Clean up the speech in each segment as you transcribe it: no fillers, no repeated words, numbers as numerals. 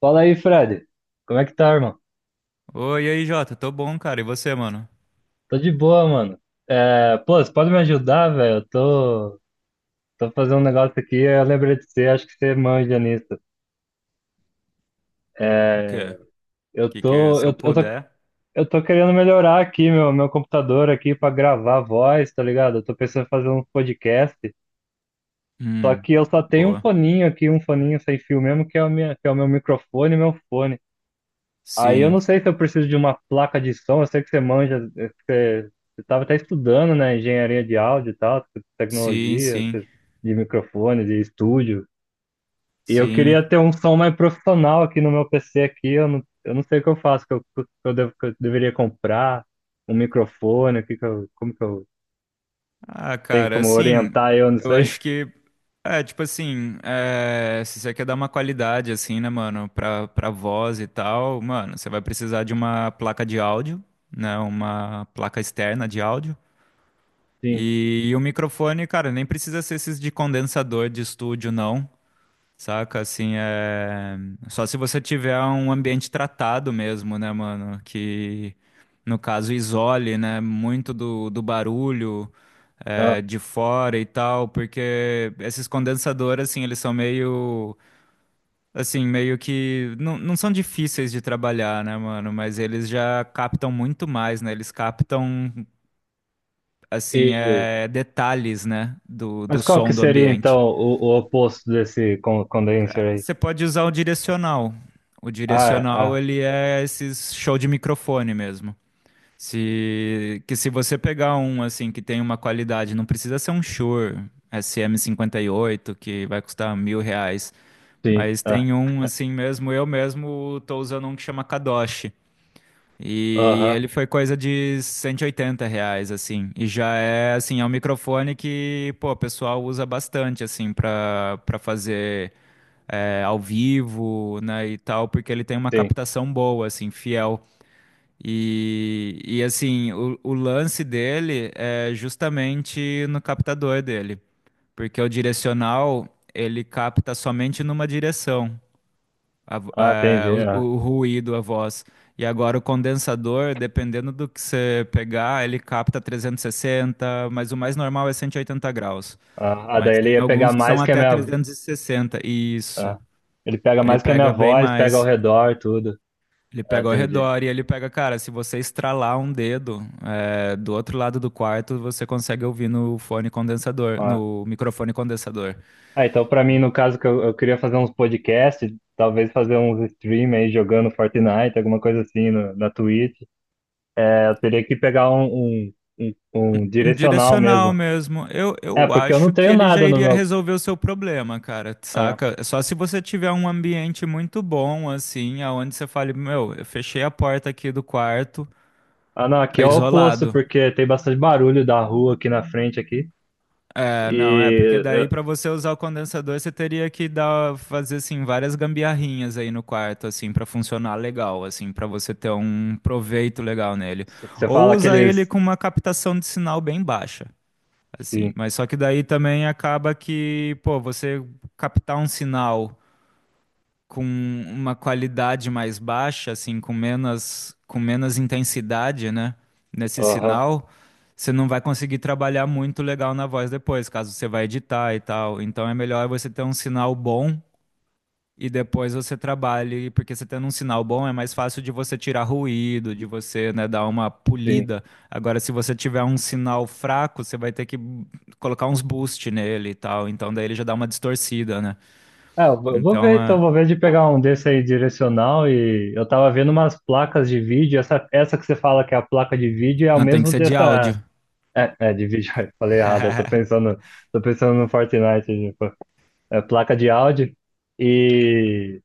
Fala aí, Fred. Como é que tá, irmão? Oi, e aí, Jota, tô bom, cara. E você, mano? Tô de boa, mano. É, pô, você pode me ajudar, velho? Eu tô fazendo um negócio aqui, eu lembrei de você, acho que você manja nisso. O quê? É, O eu que que, tô, se eu eu, eu tô, puder? eu tô querendo melhorar aqui meu computador aqui pra gravar voz, tá ligado? Eu tô pensando em fazer um podcast, só Hum, que eu só tenho um boa. foninho aqui, um foninho sem fio mesmo, que é o minha, que é o meu microfone e meu fone. Aí eu não Sim, sei se eu preciso de uma placa de som, eu sei que você manja, você estava até estudando, né, engenharia de áudio e tal, sim, tecnologia, sim, você de microfone, de estúdio. E eu sim. queria ter um som mais profissional aqui no meu PC aqui, eu não sei o que eu faço, que eu deveria comprar um microfone. O que que eu, Como que eu Ah, tenho cara, como assim, orientar eu não eu sei. acho que é tipo assim, se você quer dar uma qualidade assim, né, mano, pra voz e tal, mano, você vai precisar de uma placa de áudio, né, uma placa externa de áudio. Sim. E o microfone, cara, nem precisa ser esses de condensador de estúdio, não. Saca, assim, é. Só se você tiver um ambiente tratado mesmo, né, mano? Que, no caso, isole, né? Muito do barulho Ah, de fora e tal, porque esses condensadores, assim, eles são meio. Assim, meio que. Não, não são difíceis de trabalhar, né, mano? Mas eles já captam muito mais, né? Eles captam, assim, e detalhes, né? Do mas qual que som do seria então ambiente. O oposto desse condenser aí? Você pode usar o direcional. O Ah, é, direcional, ah, ele é esses show de microfone mesmo. Se, Que se você pegar um assim que tem uma qualidade, não precisa ser um Shure SM58 que vai custar R$ 1.000, sim. mas Ah, tem um assim mesmo. Eu mesmo tô usando um que chama Kadoshi e aham. ele foi coisa de R$ 180 assim. E já é assim é um microfone que pô, o pessoal usa bastante assim para fazer ao vivo, né, e tal, porque ele tem uma Sim. captação boa, assim, fiel. E assim, o lance dele é justamente no captador dele, porque o direcional ele capta somente numa direção Ah, entendi. o, o ruído, a voz. E agora o condensador, dependendo do que você pegar, ele capta 360, mas o mais normal é 180 graus. Ah, daí Mas ele tem ia pegar alguns que são mais que a até minha. 360. Isso. Ah, ele pega Ele mais que a minha pega bem voz, pega ao mais. redor, tudo. Ele Ah, pega ao entendi. redor e ele pega, cara, se você estralar um dedo, do outro lado do quarto, você consegue ouvir no fone condensador, Ah, no microfone condensador. ah, então pra mim, no caso, que eu queria fazer uns podcasts, talvez fazer uns stream aí jogando Fortnite, alguma coisa assim na Twitch. É, eu teria que pegar um Um direcional direcional mesmo. mesmo. Eu, É, eu porque eu não acho que tenho ele já nada no iria meu. resolver o seu problema, cara, Ah, saca? Só se você tiver um ambiente muito bom, assim, aonde você fale, meu, eu fechei a porta aqui do quarto, ah, não, aqui tá é o oposto, isolado. porque tem bastante barulho da rua aqui na frente aqui. É, não, porque E daí pra você usar o condensador, você teria que dar, fazer assim várias gambiarrinhas aí no quarto assim pra funcionar legal, assim, pra você ter um proveito legal nele. você Ou fala usar ele aqueles. com uma captação de sinal bem baixa, assim, Sim. mas só que daí também acaba que, pô, você captar um sinal com uma qualidade mais baixa, assim, com menos intensidade, né? Nesse Aham, sinal, você não vai conseguir trabalhar muito legal na voz depois, caso você vá editar e tal. Então é melhor você ter um sinal bom e depois você trabalhe, porque você tendo um sinal bom é mais fácil de você tirar ruído, de você, né, dar uma sim. polida. Agora, se você tiver um sinal fraco, você vai ter que colocar uns boost nele e tal. Então daí ele já dá uma distorcida, né? Ah, eu vou Então ver então, é... vou ver de pegar um desse aí direcional. E eu tava vendo umas placas de vídeo, essa que você fala que é a placa de vídeo é o não, tem que mesmo ser de dessa. áudio. É, é de vídeo, eu falei errado, tô pensando no Fortnite, tipo, é placa de áudio. E,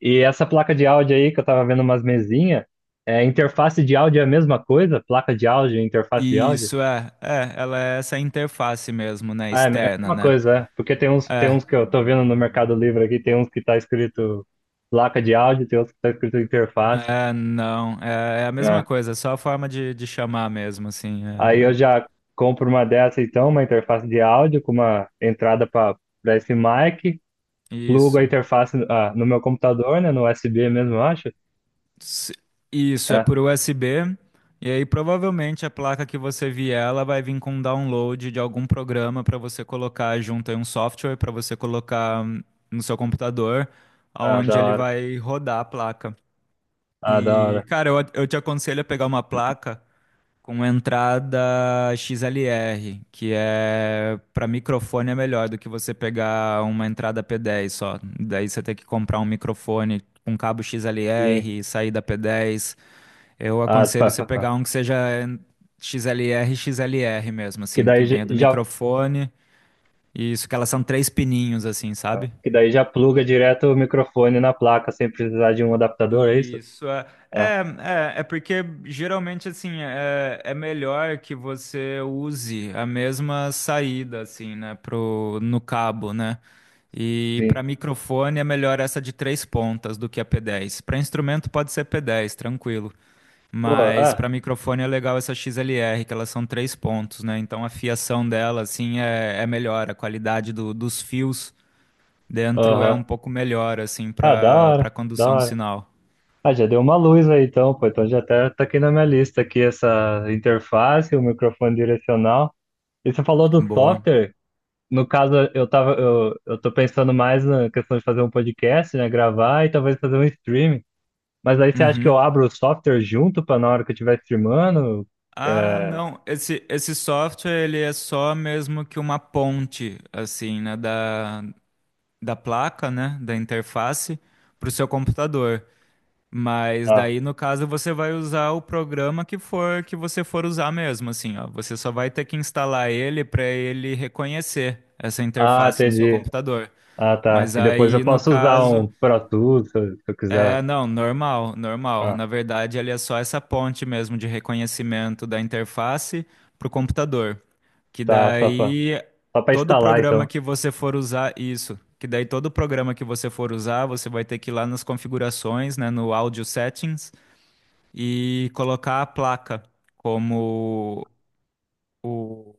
e essa placa de áudio aí que eu tava vendo umas mesinhas, é interface de áudio é a mesma coisa? Placa de áudio, interface de áudio? Isso é, ela é essa interface mesmo, né? Ah, é é a Externa, mesma né? coisa, é. Porque tem É, uns que eu tô vendo no Mercado Livre aqui, tem uns que tá escrito placa de áudio, tem uns que tá escrito interface. é, não, é a mesma É. coisa, é só a forma de chamar mesmo, assim. Aí eu já compro uma dessa então, uma interface de áudio com uma entrada para esse mic, plugo a Isso. interface ah, no meu computador, né, no USB mesmo, eu acho. Se- Isso, é É. por USB, e aí provavelmente a placa que você vier, ela vai vir com download de algum programa para você colocar junto aí um software para você colocar no seu computador, Ah, aonde da ele hora. vai rodar a placa. Ah, da E, hora. cara, eu te aconselho a pegar uma placa. Com entrada XLR, que é para microfone é melhor do que você pegar uma entrada P10 só. Daí você tem que comprar um microfone com cabo Sim. XLR, saída P10. Eu Ah, pá, aconselho você pá, pá. pegar um que seja XLR, XLR mesmo, Que assim, que daí já, venha do já- microfone. E isso que elas são três pininhos, assim, Ah, sabe? que daí já pluga direto o microfone na placa sem precisar de um adaptador, é isso? Isso é, Ah, é porque geralmente assim é melhor que você use a mesma saída assim, né, pro no cabo, né? E para sim. microfone é melhor essa de três pontas do que a P10. Para instrumento pode ser P10, tranquilo, Pô, mas ah, para microfone é legal essa XLR, que elas são três pontos, né? Então a fiação dela assim é melhor, a qualidade dos fios dentro é aham. um pouco melhor assim Ah, da para hora, da condução do hora. sinal. Ah, já deu uma luz aí então, pô. Então já até tá aqui na minha lista aqui essa interface, o microfone direcional. E você falou do Boa. software. No caso, eu tô pensando mais na questão de fazer um podcast, né? Gravar e talvez fazer um streaming. Mas aí você acha que Uhum. eu abro o software junto pra na hora que eu estiver streamando? Ah, É. não. Esse software ele é só mesmo que uma ponte, assim, né, da placa, né, da interface para o seu computador. Mas Ah, daí, no caso, você vai usar o programa que você for usar mesmo, assim, ó. Você só vai ter que instalar ele para ele reconhecer essa ah, interface no seu entendi. computador. Ah, tá. Mas E depois aí, eu no posso usar caso. um Pro Tools se eu É, quiser. não, normal, normal. Ah, Na verdade, ele é só essa ponte mesmo de reconhecimento da interface para o computador. Que tá, daí só pra todo instalar programa então. que você for usar, isso, que daí todo programa que você for usar, você vai ter que ir lá nas configurações, né, no Audio Settings e colocar a placa como o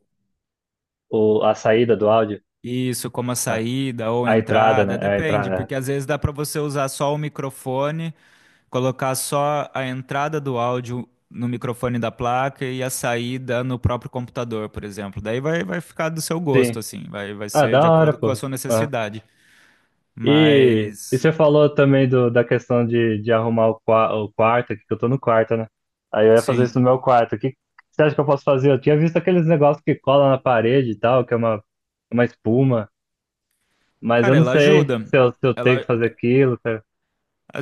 O, a saída do áudio. isso, como a Ah, saída ou a entrada, né? entrada, É, a depende, entrada. porque às vezes dá para você usar só o microfone. Colocar só a entrada do áudio no microfone da placa e a saída no próprio computador, por exemplo. Daí vai ficar do seu gosto, Sim. assim, vai Ah, ser de da hora, acordo com a pô. sua Ah. necessidade. E Mas, você falou também do, da questão de arrumar o, o quarto aqui, que eu tô no quarto, né? Aí eu ia fazer sim. isso no meu quarto. Que você acha que eu posso fazer? Eu tinha visto aqueles negócios que cola na parede e tal, que é uma espuma, mas eu Cara, não ela sei ajuda. Se eu tenho que Ela, fazer aquilo. Se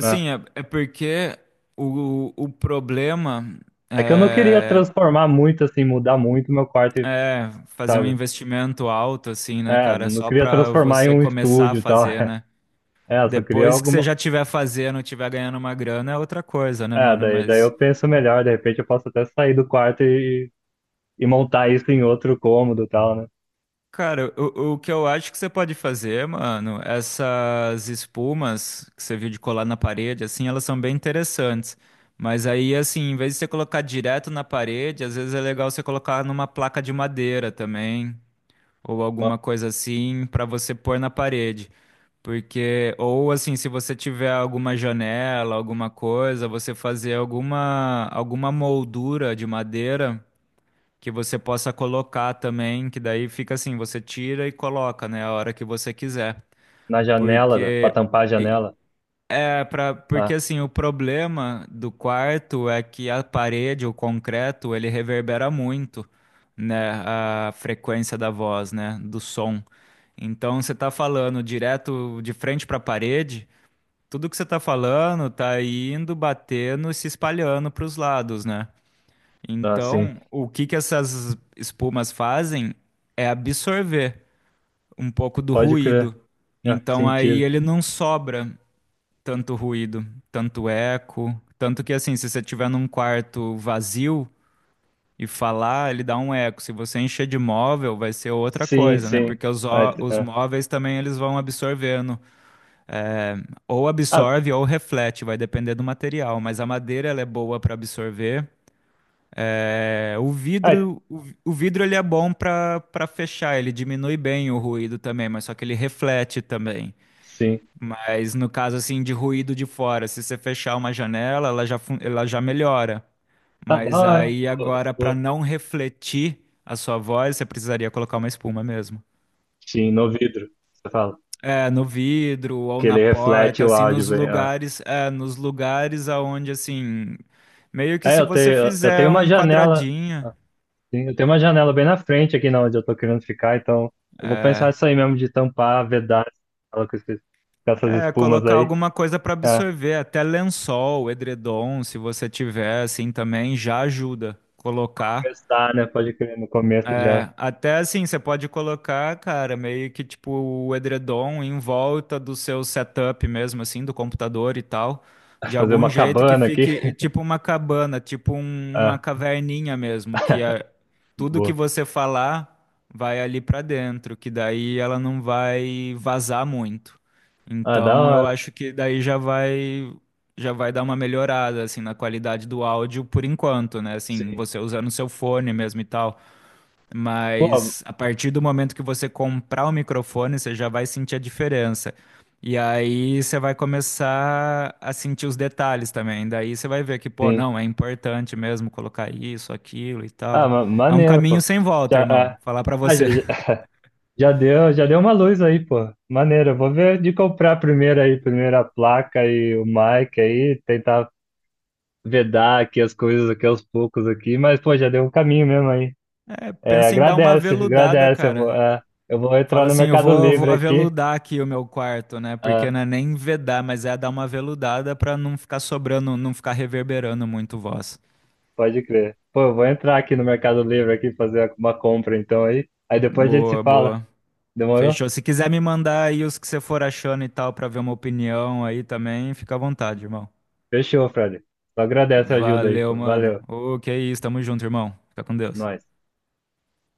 né? é porque o problema É que eu não queria é, transformar muito, assim, mudar muito meu quarto, é fazer um sabe? investimento alto, assim, né, É, cara? não Só queria pra transformar em você um começar a estúdio e tal. fazer, né? É, eu só queria Depois que você alguma. já tiver fazendo, tiver ganhando uma grana, é outra coisa, né, É, mano? daí, daí eu Mas, penso melhor, de repente eu posso até sair do quarto e montar isso em outro cômodo e tal, né? cara, o que eu acho que você pode fazer, mano, essas espumas que você viu de colar na parede, assim, elas são bem interessantes. Mas aí, assim, em vez de você colocar direto na parede, às vezes é legal você colocar numa placa de madeira também, ou alguma coisa assim, pra você pôr na parede. Porque, ou assim, se você tiver alguma janela, alguma coisa, você fazer alguma moldura de madeira que você possa colocar também, que daí fica assim, você tira e coloca, né, a hora que você quiser. Na janela, pra Porque, tampar a janela. porque Ah, assim, o problema do quarto é que a parede, o concreto, ele reverbera muito, né, a frequência da voz, né, do som. Então, você tá falando direto de frente para a parede, tudo que você tá falando tá indo, batendo e se espalhando para os lados, né? ah, sim. Então, o que que essas espumas fazem é absorver um pouco do Pode crer. ruído. Ah, Então, aí sentido. ele não sobra tanto ruído, tanto eco. Tanto que, assim, se você tiver num quarto vazio e falar, ele dá um eco. Se você encher de móvel, vai ser outra Sim, coisa, né? sim. Porque Ah, t- os ah, móveis também eles vão absorvendo é, ou ah, absorve ou reflete, vai depender do material, mas a madeira ela é boa para absorver. É, o ah, vidro, o vidro ele é bom para fechar, ele diminui bem o ruído também, mas só que ele reflete também. sim. Mas no caso assim de ruído de fora, se você fechar uma janela, ela já melhora. Ah, da Mas hora. aí Vou- agora para vou- não refletir a sua voz, você precisaria colocar uma espuma mesmo. Sim, no vidro, você fala. É, no vidro ou Que na ele reflete porta, o assim, áudio nos bem. Ah. lugares, nos lugares aonde, assim, meio que se você Eu fizer tenho uma um janela. quadradinho, Ah. Sim, eu tenho uma janela bem na frente aqui na onde eu tô querendo ficar, então eu vou pensar isso aí mesmo de tampar, vedar ela com com essas espumas colocar aí. alguma coisa para É, absorver, até lençol, edredom, se você tiver, assim, também já ajuda pra colocar. começar, né? Pode crer, no começo já É, até assim, você pode colocar, cara, meio que tipo o edredom em volta do seu setup mesmo, assim, do computador e tal, de fazer algum uma jeito que cabana aqui. fique tipo uma cabana, tipo uma Ah, caverninha mesmo, tudo que boa. você falar vai ali pra dentro, que daí ela não vai vazar muito. Ah, da Então, eu hora. acho que daí já vai dar uma melhorada assim na qualidade do áudio por enquanto, né? Assim, Sim. você usando seu fone mesmo e tal. Pô, Mas a partir do momento que você comprar o microfone, você já vai sentir a diferença. E aí você vai começar a sentir os detalhes também. Daí você vai ver que, pô, sim. não, é importante mesmo colocar isso, aquilo e Ah, tal. É um maneiro, caminho pô. sem volta, Já, é. irmão. Falar pra Ah, já, você. já, já deu uma luz aí, pô. Maneiro. Eu vou ver de comprar primeiro aí, primeiro a placa e o mic aí, tentar vedar aqui as coisas aqui aos poucos aqui, mas pô, já deu um caminho mesmo aí. É, É, pensa em dar uma agradece, aveludada, agradece. Eu vou, cara. é, eu vou entrar Fala no assim, eu Mercado vou Livre aqui. aveludar aqui o meu quarto, né? Porque Ah, não é nem vedar, mas é dar uma aveludada pra não ficar sobrando, não ficar reverberando muito voz. pode crer. Pô, eu vou entrar aqui no Mercado Livre aqui fazer uma compra então aí. Aí depois a gente se Boa, fala. boa. Demorou? Fechou. Se quiser me mandar aí os que você for achando e tal, pra ver uma opinião aí também, fica à vontade, irmão. Fechou, Fred. Só agradece a ajuda aí, Valeu, pô. mano. Valeu. Ô, que isso, tamo junto, irmão. Fica com Deus. Nós.